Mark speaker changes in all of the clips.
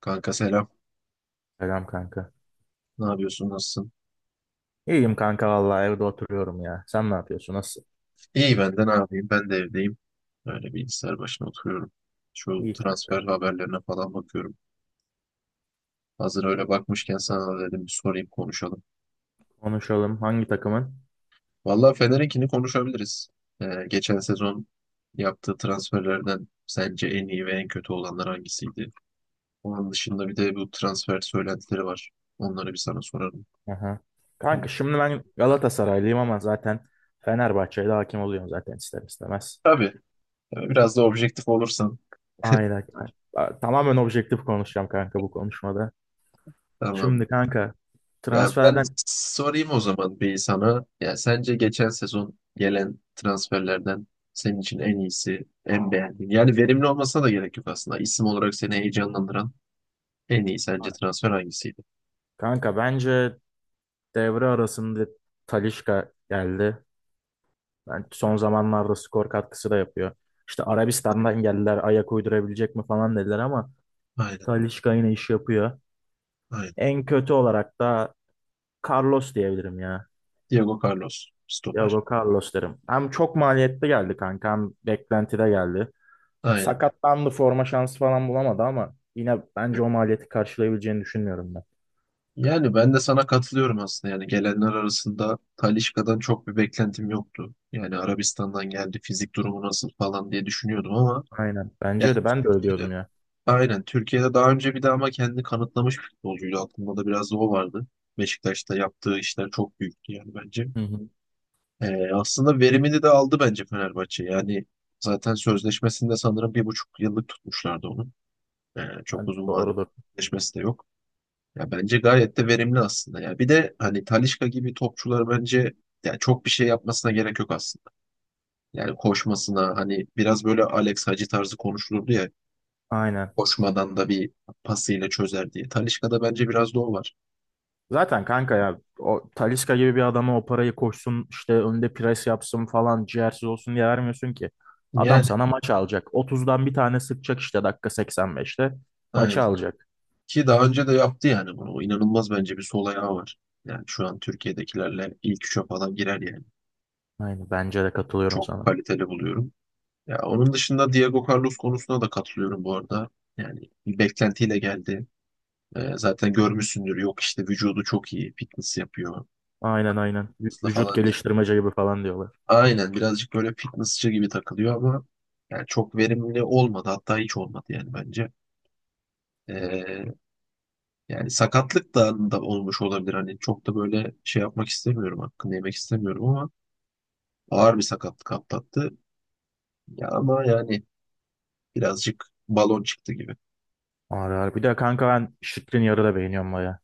Speaker 1: Kanka selam.
Speaker 2: Selam kanka.
Speaker 1: Ne yapıyorsun? Nasılsın?
Speaker 2: İyiyim kanka, vallahi evde oturuyorum ya. Sen ne yapıyorsun? Nasıl?
Speaker 1: İyi ben de ne yapayım? Ben de evdeyim. Öyle bilgisayar başına oturuyorum. Şu
Speaker 2: İyi
Speaker 1: transfer
Speaker 2: kanka.
Speaker 1: haberlerine falan bakıyorum. Hazır öyle bakmışken sana da dedim bir sorayım konuşalım.
Speaker 2: Konuşalım. Hangi takımın?
Speaker 1: Vallahi Fener'inkini konuşabiliriz. Geçen sezon yaptığı transferlerden sence en iyi ve en kötü olanlar hangisiydi? Onun dışında bir de bu transfer söylentileri var. Onları bir sana sorarım.
Speaker 2: Aha.
Speaker 1: Onu-
Speaker 2: Kanka şimdi ben Galatasaraylıyım, ama zaten Fenerbahçe'yle hakim oluyorum zaten ister istemez.
Speaker 1: Tabii. Biraz da objektif olursan.
Speaker 2: Aynen, kanka. Tamamen objektif konuşacağım kanka bu konuşmada.
Speaker 1: Tamam.
Speaker 2: Şimdi kanka
Speaker 1: Ya ben
Speaker 2: transferden
Speaker 1: sorayım o zaman bir sana. Ya sence geçen sezon gelen transferlerden senin için en iyisi, en beğendiğin. Yani verimli olmasına da gerek yok aslında. İsim olarak seni heyecanlandıran en iyi sence transfer hangisiydi?
Speaker 2: kanka bence devre arasında Talisca geldi. Ben son zamanlarda skor katkısı da yapıyor. İşte Arabistan'dan geldiler ayak uydurabilecek mi falan dediler ama
Speaker 1: Aynen,
Speaker 2: Talisca yine iş yapıyor.
Speaker 1: aynen.
Speaker 2: En kötü olarak da Carlos diyebilirim ya.
Speaker 1: Diego Carlos, stoper.
Speaker 2: Diego Carlos derim. Hem çok maliyetli geldi kanka, hem beklentide geldi.
Speaker 1: Aynen.
Speaker 2: Sakatlandı, forma şansı falan bulamadı, ama yine bence o maliyeti karşılayabileceğini düşünmüyorum ben.
Speaker 1: Yani ben de sana katılıyorum aslında. Yani gelenler arasında Talisca'dan çok bir beklentim yoktu. Yani Arabistan'dan geldi, fizik durumu nasıl falan diye düşünüyordum ama
Speaker 2: Aynen.
Speaker 1: yani
Speaker 2: Bence de ben de öyle diyordum
Speaker 1: Türkiye'de.
Speaker 2: ya.
Speaker 1: Aynen. Türkiye'de daha önce bir de ama kendini kanıtlamış bir futbolcuydu. Aklımda da biraz o vardı. Beşiktaş'ta yaptığı işler çok büyüktü yani bence.
Speaker 2: Hı hı.
Speaker 1: Aslında verimini de aldı bence Fenerbahçe. Yani zaten sözleşmesinde sanırım 1,5 yıllık tutmuşlardı onu. Çok uzun vadeli
Speaker 2: Doğrudur.
Speaker 1: sözleşmesi de yok. Ya bence gayet de verimli aslında. Ya bir de hani Talisca gibi topçular bence ya çok bir şey yapmasına gerek yok aslında. Yani koşmasına hani biraz böyle Alex Hacı tarzı konuşulurdu ya.
Speaker 2: Aynen.
Speaker 1: Koşmadan da bir pasıyla çözer diye. Talisca'da bence biraz da o var.
Speaker 2: Zaten kanka ya, o Talisca gibi bir adama o parayı koşsun işte, önde pres yapsın falan, ciğersiz olsun diye vermiyorsun ki. Adam
Speaker 1: Yani
Speaker 2: sana maç alacak. 30'dan bir tane sıkacak işte dakika 85'te.
Speaker 1: aynen.
Speaker 2: Maçı alacak.
Speaker 1: Ki daha önce de yaptı yani bunu. O İnanılmaz bence bir sol ayağı var. Yani şu an Türkiye'dekilerle ilk üçe falan girer yani.
Speaker 2: Aynen, bence de katılıyorum
Speaker 1: Çok
Speaker 2: sana.
Speaker 1: kaliteli buluyorum. Ya onun dışında Diego Carlos konusuna da katılıyorum bu arada. Yani bir beklentiyle geldi. Zaten görmüşsündür. Yok işte vücudu çok iyi. Fitness yapıyor.
Speaker 2: Aynen aynen.
Speaker 1: Hızlı
Speaker 2: Vücut
Speaker 1: falan diye.
Speaker 2: geliştirmece gibi falan diyorlar.
Speaker 1: Aynen birazcık böyle fitnessçi gibi takılıyor ama yani çok verimli olmadı. Hatta hiç olmadı yani bence. Ee, Yani sakatlık da olmuş olabilir. Hani çok da böyle şey yapmak istemiyorum. Hakkını yemek istemiyorum ama ağır bir sakatlık atlattı. Ya ama yani birazcık balon çıktı gibi.
Speaker 2: Ağır ağır. Bir de kanka ben Şikrin yarı da beğeniyorum baya.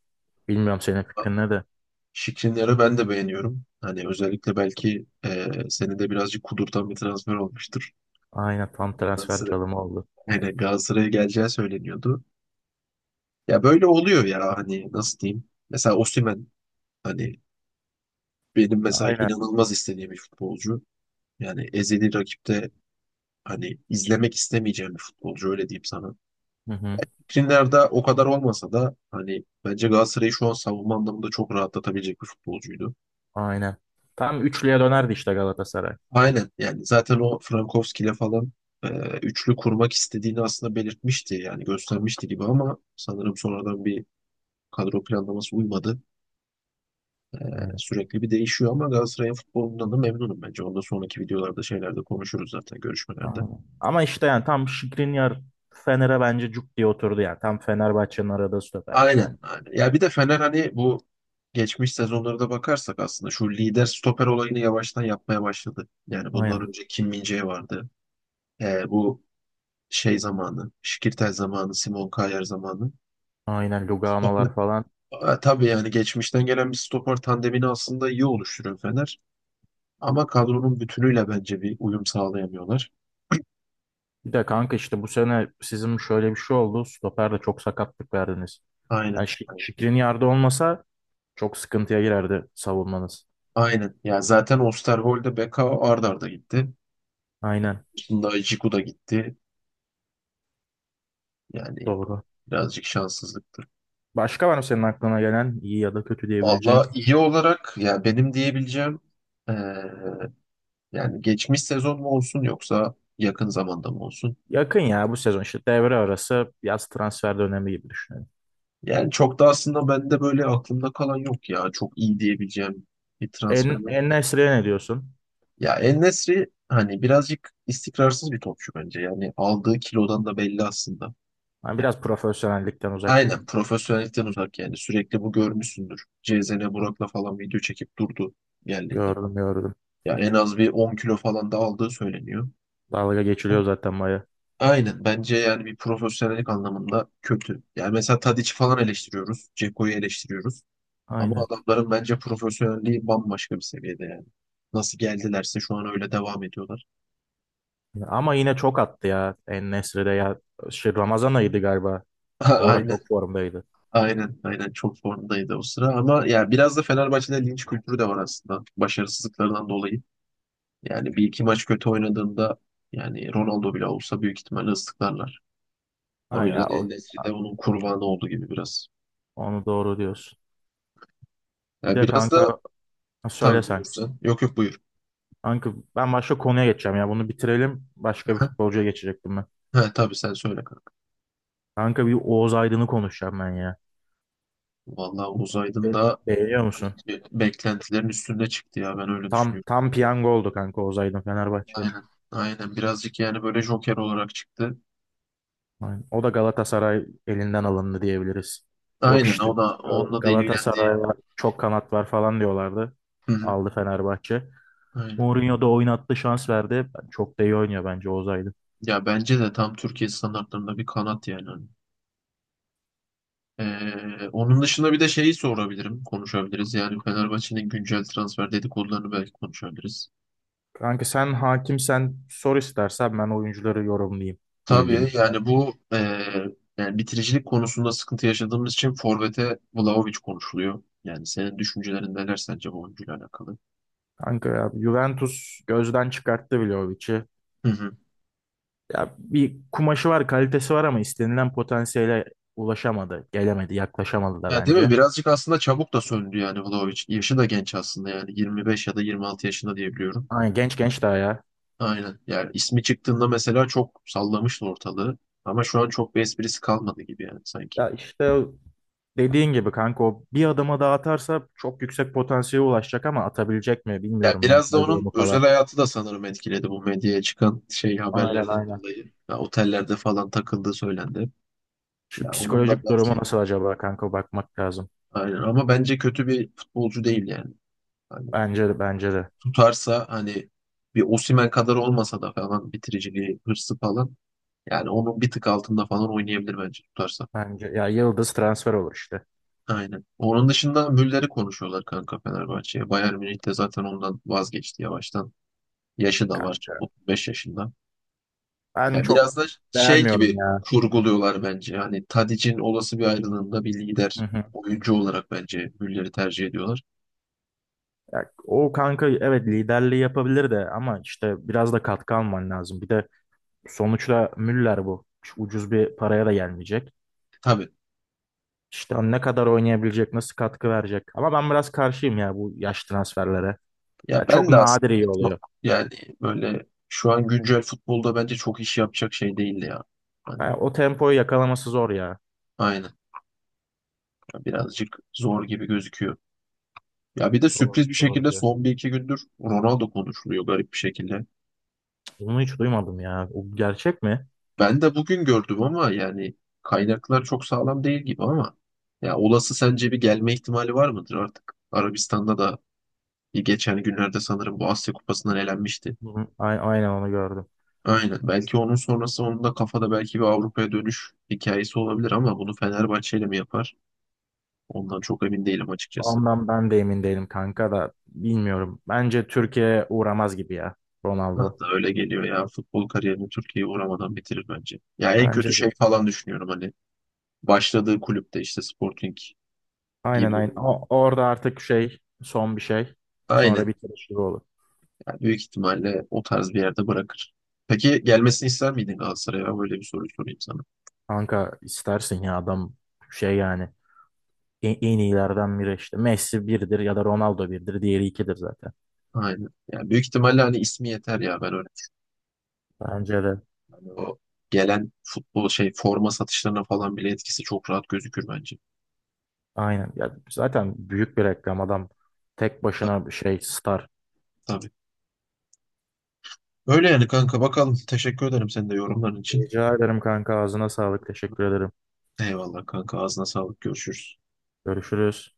Speaker 2: Bilmiyorum senin fikrin ne de.
Speaker 1: Şikrinyar'ı ben de beğeniyorum. Hani özellikle belki seni de birazcık kudurtan bir transfer olmuştur.
Speaker 2: Aynen, tam transfer
Speaker 1: Galatasaray,
Speaker 2: çalımı oldu.
Speaker 1: yani Galatasaray'a geleceği söyleniyordu. Ya böyle oluyor ya hani nasıl diyeyim. Mesela Osimhen hani benim mesela
Speaker 2: Aynen.
Speaker 1: inanılmaz istediğim bir futbolcu. Yani ezeli rakipte hani izlemek istemeyeceğim bir futbolcu öyle diyeyim sana.
Speaker 2: Hı hı.
Speaker 1: Primler'de o kadar olmasa da hani bence Galatasaray'ı şu an savunma anlamında çok rahatlatabilecek bir futbolcuydu.
Speaker 2: Aynen. Tam üçlüye dönerdi işte Galatasaray.
Speaker 1: Aynen yani zaten o Frankowski'yle falan e, üçlü kurmak istediğini aslında belirtmişti yani göstermişti gibi ama sanırım sonradan bir kadro planlaması uymadı.
Speaker 2: Aynen.
Speaker 1: Sürekli bir değişiyor ama Galatasaray'ın futbolundan da memnunum bence. Ondan sonraki videolarda şeylerde konuşuruz zaten görüşmelerde.
Speaker 2: Aynen. Ama işte yani tam Skriniar Fener'e bence cuk diye oturdu yani. Tam Fenerbahçe'nin aradığı stopermiş
Speaker 1: Aynen,
Speaker 2: bence.
Speaker 1: aynen. Ya bir de Fener hani bu geçmiş sezonlara da bakarsak aslında şu lider stoper olayını yavaştan yapmaya başladı. Yani
Speaker 2: Aynen,
Speaker 1: bundan önce Kim min vardı. Bu şey zamanı, Şikirtel zamanı, Simon Kjaer zamanı.
Speaker 2: aynen
Speaker 1: Stoper,
Speaker 2: Lugano'lar falan.
Speaker 1: Tabii yani geçmişten gelen bir stoper tandemini aslında iyi oluşturuyor Fener. Ama kadronun bütünüyle bence bir uyum sağlayamıyorlar.
Speaker 2: Bir de kanka işte bu sene sizin şöyle bir şey oldu. Stoper'de çok sakatlık verdiniz.
Speaker 1: Aynen.
Speaker 2: Yani Skriniar'da olmasa çok sıkıntıya girerdi savunmanız.
Speaker 1: Aynen. Ya zaten Osterwolde, Beka ard arda gitti.
Speaker 2: Aynen,
Speaker 1: Şimdi Ajiku da gitti. Yani
Speaker 2: doğru.
Speaker 1: birazcık şanssızlık.
Speaker 2: Başka var mı senin aklına gelen iyi ya da kötü diyebileceğin?
Speaker 1: Valla iyi olarak ya benim diyebileceğim eee, yani geçmiş sezon mu olsun yoksa yakın zamanda mı olsun?
Speaker 2: Yakın ya, bu sezon işte devre arası yaz transfer dönemi gibi düşünelim.
Speaker 1: Yani çok da aslında bende böyle aklımda kalan yok ya. Çok iyi diyebileceğim bir transfer yok.
Speaker 2: En-Nesyri'ye ne diyorsun?
Speaker 1: Ya En-Nesyri hani birazcık istikrarsız bir topçu bence. Yani aldığı kilodan da belli aslında.
Speaker 2: Ben
Speaker 1: Yani
Speaker 2: biraz profesyonellikten uzak gibi.
Speaker 1: aynen profesyonellikten uzak yani. Sürekli bu görmüşsündür. CZN Burak'la falan video çekip durdu geldiğinde.
Speaker 2: Gördüm gördüm.
Speaker 1: Ya en az bir 10 kilo falan da aldığı söyleniyor.
Speaker 2: Dalga geçiliyor zaten baya.
Speaker 1: Aynen. Bence yani bir profesyonellik anlamında kötü. Yani mesela Tadic'i falan eleştiriyoruz. Ceko'yu eleştiriyoruz. Ama
Speaker 2: Aynen.
Speaker 1: adamların bence profesyonelliği bambaşka bir seviyede yani. Nasıl geldilerse şu an öyle devam ediyorlar.
Speaker 2: Ama yine çok attı ya En-Nesyri de ya. Şey, Ramazan ayıydı galiba. O ara
Speaker 1: Aynen.
Speaker 2: çok formdaydı.
Speaker 1: Aynen. Aynen. Çok formdaydı o sıra. Ama ya biraz da Fenerbahçe'de linç kültürü de var aslında. Başarısızlıklarından dolayı. Yani bir iki maç kötü oynadığında yani Ronaldo bile olsa büyük ihtimalle ıslıklarlar.
Speaker 2: Ha
Speaker 1: O
Speaker 2: ya
Speaker 1: yüzden En-Nesyri de onun kurbanı oldu gibi biraz.
Speaker 2: onu doğru diyorsun. Bir
Speaker 1: Yani
Speaker 2: de
Speaker 1: biraz da
Speaker 2: kanka, ha, söyle
Speaker 1: tabii
Speaker 2: sen.
Speaker 1: buyursan. Yok yok buyur.
Speaker 2: Kanka ben başka konuya geçeceğim ya. Bunu bitirelim. Başka bir futbolcuya geçecektim ben.
Speaker 1: He, tabii sen söyle kanka.
Speaker 2: Kanka bir Oğuz Aydın'ı konuşacağım ben ya.
Speaker 1: Vallahi uzaydın
Speaker 2: Be-
Speaker 1: da
Speaker 2: Beğeniyor musun?
Speaker 1: beklentilerin üstünde çıktı ya ben öyle
Speaker 2: Tam
Speaker 1: düşünüyorum.
Speaker 2: tam piyango oldu kanka Oğuz Aydın Fenerbahçe.
Speaker 1: Aynen. Aynen birazcık yani böyle Joker olarak çıktı.
Speaker 2: Aynen. O da Galatasaray elinden alındı diyebiliriz. Yok
Speaker 1: Aynen
Speaker 2: işte
Speaker 1: o da onunla da ilgilendiği.
Speaker 2: Galatasaray'la çok kanat var falan diyorlardı.
Speaker 1: Hı hı.
Speaker 2: Aldı Fenerbahçe.
Speaker 1: Aynen.
Speaker 2: Mourinho da oynattı, şans verdi. Çok da iyi oynuyor bence Oğuz Aydın.
Speaker 1: Ya bence de tam Türkiye standartlarında bir kanat yani. Hani. Onun dışında bir de şeyi sorabilirim, konuşabiliriz. Yani Fenerbahçe'nin güncel transfer dedikodularını belki konuşabiliriz.
Speaker 2: Kanka sen hakimsen sor, istersen ben oyuncuları yorumlayayım
Speaker 1: Tabii
Speaker 2: bildiğim kadar.
Speaker 1: yani bu yani bitiricilik konusunda sıkıntı yaşadığımız için forvete Vlahovic konuşuluyor. Yani senin düşüncelerin neler sence bu oyuncuyla alakalı?
Speaker 2: Kanka ya, Juventus gözden çıkarttı Vlahovic'i.
Speaker 1: Hı hı.
Speaker 2: Ya bir kumaşı var, kalitesi var, ama istenilen potansiyele ulaşamadı, gelemedi, yaklaşamadı da
Speaker 1: Ya değil mi?
Speaker 2: bence.
Speaker 1: Birazcık aslında çabuk da söndü yani Vlahovic. Yaşı da genç aslında yani 25 ya da 26 yaşında diyebiliyorum.
Speaker 2: Aynen, genç genç daha ya.
Speaker 1: Aynen. Yani ismi çıktığında mesela çok sallamıştı ortalığı. Ama şu an çok bir esprisi kalmadı gibi yani sanki.
Speaker 2: Ya işte dediğin gibi kanka, o bir adama daha atarsa çok yüksek potansiyele ulaşacak, ama atabilecek mi
Speaker 1: Ya
Speaker 2: bilmiyorum
Speaker 1: biraz da
Speaker 2: mental
Speaker 1: onun
Speaker 2: durumu
Speaker 1: özel
Speaker 2: falan.
Speaker 1: hayatı da sanırım etkiledi bu medyaya çıkan şey
Speaker 2: Aynen
Speaker 1: haberlerden
Speaker 2: aynen.
Speaker 1: dolayı. Ya otellerde falan takıldığı söylendi.
Speaker 2: Şu
Speaker 1: Ya onun da
Speaker 2: psikolojik durumu
Speaker 1: belki
Speaker 2: nasıl acaba kanka, bakmak lazım.
Speaker 1: aynen ama bence kötü bir futbolcu değil yani. Hani
Speaker 2: Bence de bence de.
Speaker 1: tutarsa hani bir Osimhen kadar olmasa da falan bitiriciliği, hırsı falan yani onun bir tık altında falan oynayabilir bence tutarsa.
Speaker 2: Bence ya Yıldız transfer olur işte.
Speaker 1: Aynen. Onun dışında Müller'i konuşuyorlar kanka Fenerbahçe'ye. Bayern Münih de zaten ondan vazgeçti yavaştan. Yaşı da var.
Speaker 2: Kanka
Speaker 1: 35 yaşında.
Speaker 2: ben
Speaker 1: Ya
Speaker 2: çok
Speaker 1: biraz da şey
Speaker 2: beğenmiyorum
Speaker 1: gibi
Speaker 2: ya.
Speaker 1: kurguluyorlar bence. Hani Tadic'in olası bir ayrılığında bir
Speaker 2: Hı
Speaker 1: lider
Speaker 2: hı.
Speaker 1: oyuncu olarak bence Müller'i tercih ediyorlar.
Speaker 2: Ya, o kanka evet, liderliği yapabilir de, ama işte biraz da katkı alman lazım. Bir de sonuçta Müller bu. Şu ucuz bir paraya da gelmeyecek.
Speaker 1: Tabii.
Speaker 2: İşte o ne kadar oynayabilecek, nasıl katkı verecek. Ama ben biraz karşıyım ya bu yaş transferlere. Ya
Speaker 1: Ya
Speaker 2: çok
Speaker 1: ben de aslında
Speaker 2: nadir iyi
Speaker 1: çok
Speaker 2: oluyor.
Speaker 1: yani böyle şu an güncel futbolda bence çok iş yapacak şey değildi ya. Hani
Speaker 2: Ya o tempoyu yakalaması zor ya.
Speaker 1: aynen. Ya birazcık zor gibi gözüküyor. Ya bir de
Speaker 2: Doğru,
Speaker 1: sürpriz bir
Speaker 2: doğru
Speaker 1: şekilde
Speaker 2: ya.
Speaker 1: son bir iki gündür Ronaldo konuşuluyor garip bir şekilde.
Speaker 2: Bunu hiç duymadım ya. O gerçek mi?
Speaker 1: Ben de bugün gördüm ama yani kaynaklar çok sağlam değil gibi ama ya olası sence bir gelme ihtimali var mıdır artık? Arabistan'da da bir geçen günlerde sanırım bu Asya Kupası'ndan elenmişti.
Speaker 2: Hı hı. Aynen, onu gördüm.
Speaker 1: Aynen. Belki onun sonrası onun da kafada belki bir Avrupa'ya dönüş hikayesi olabilir ama bunu Fenerbahçe ile mi yapar? Ondan çok emin değilim açıkçası.
Speaker 2: Ondan ben de emin değilim kanka, da bilmiyorum. Bence Türkiye'ye uğramaz gibi ya
Speaker 1: Bana
Speaker 2: Ronaldo.
Speaker 1: da öyle geliyor ya. Futbol kariyerini Türkiye'ye uğramadan bitirir bence. Ya en kötü
Speaker 2: Bence de.
Speaker 1: şey falan düşünüyorum hani. Başladığı kulüpte işte Sporting
Speaker 2: Aynen
Speaker 1: gibi.
Speaker 2: aynen. Orada artık şey, son bir şey. Sonra
Speaker 1: Aynen.
Speaker 2: bitiriş gibi olur.
Speaker 1: Yani büyük ihtimalle o tarz bir yerde bırakır. Peki gelmesini ister miydin Galatasaray'a? Böyle bir soru sorayım sana.
Speaker 2: Kanka istersin ya, adam şey yani. En iyilerden biri işte. Messi birdir ya da Ronaldo birdir. Diğeri ikidir zaten.
Speaker 1: Aynen. Yani büyük ihtimalle hani ismi yeter ya. Ben
Speaker 2: Bence de
Speaker 1: yani o gelen futbol şey forma satışlarına falan bile etkisi çok rahat gözükür bence.
Speaker 2: aynen. Ya zaten büyük bir reklam adam. Tek
Speaker 1: Ta-
Speaker 2: başına bir şey star.
Speaker 1: Tabii. Öyle yani kanka bakalım. Teşekkür ederim senin de yorumların için.
Speaker 2: Rica ederim kanka, ağzına sağlık. Teşekkür ederim.
Speaker 1: Eyvallah kanka ağzına sağlık. Görüşürüz.
Speaker 2: Görüşürüz.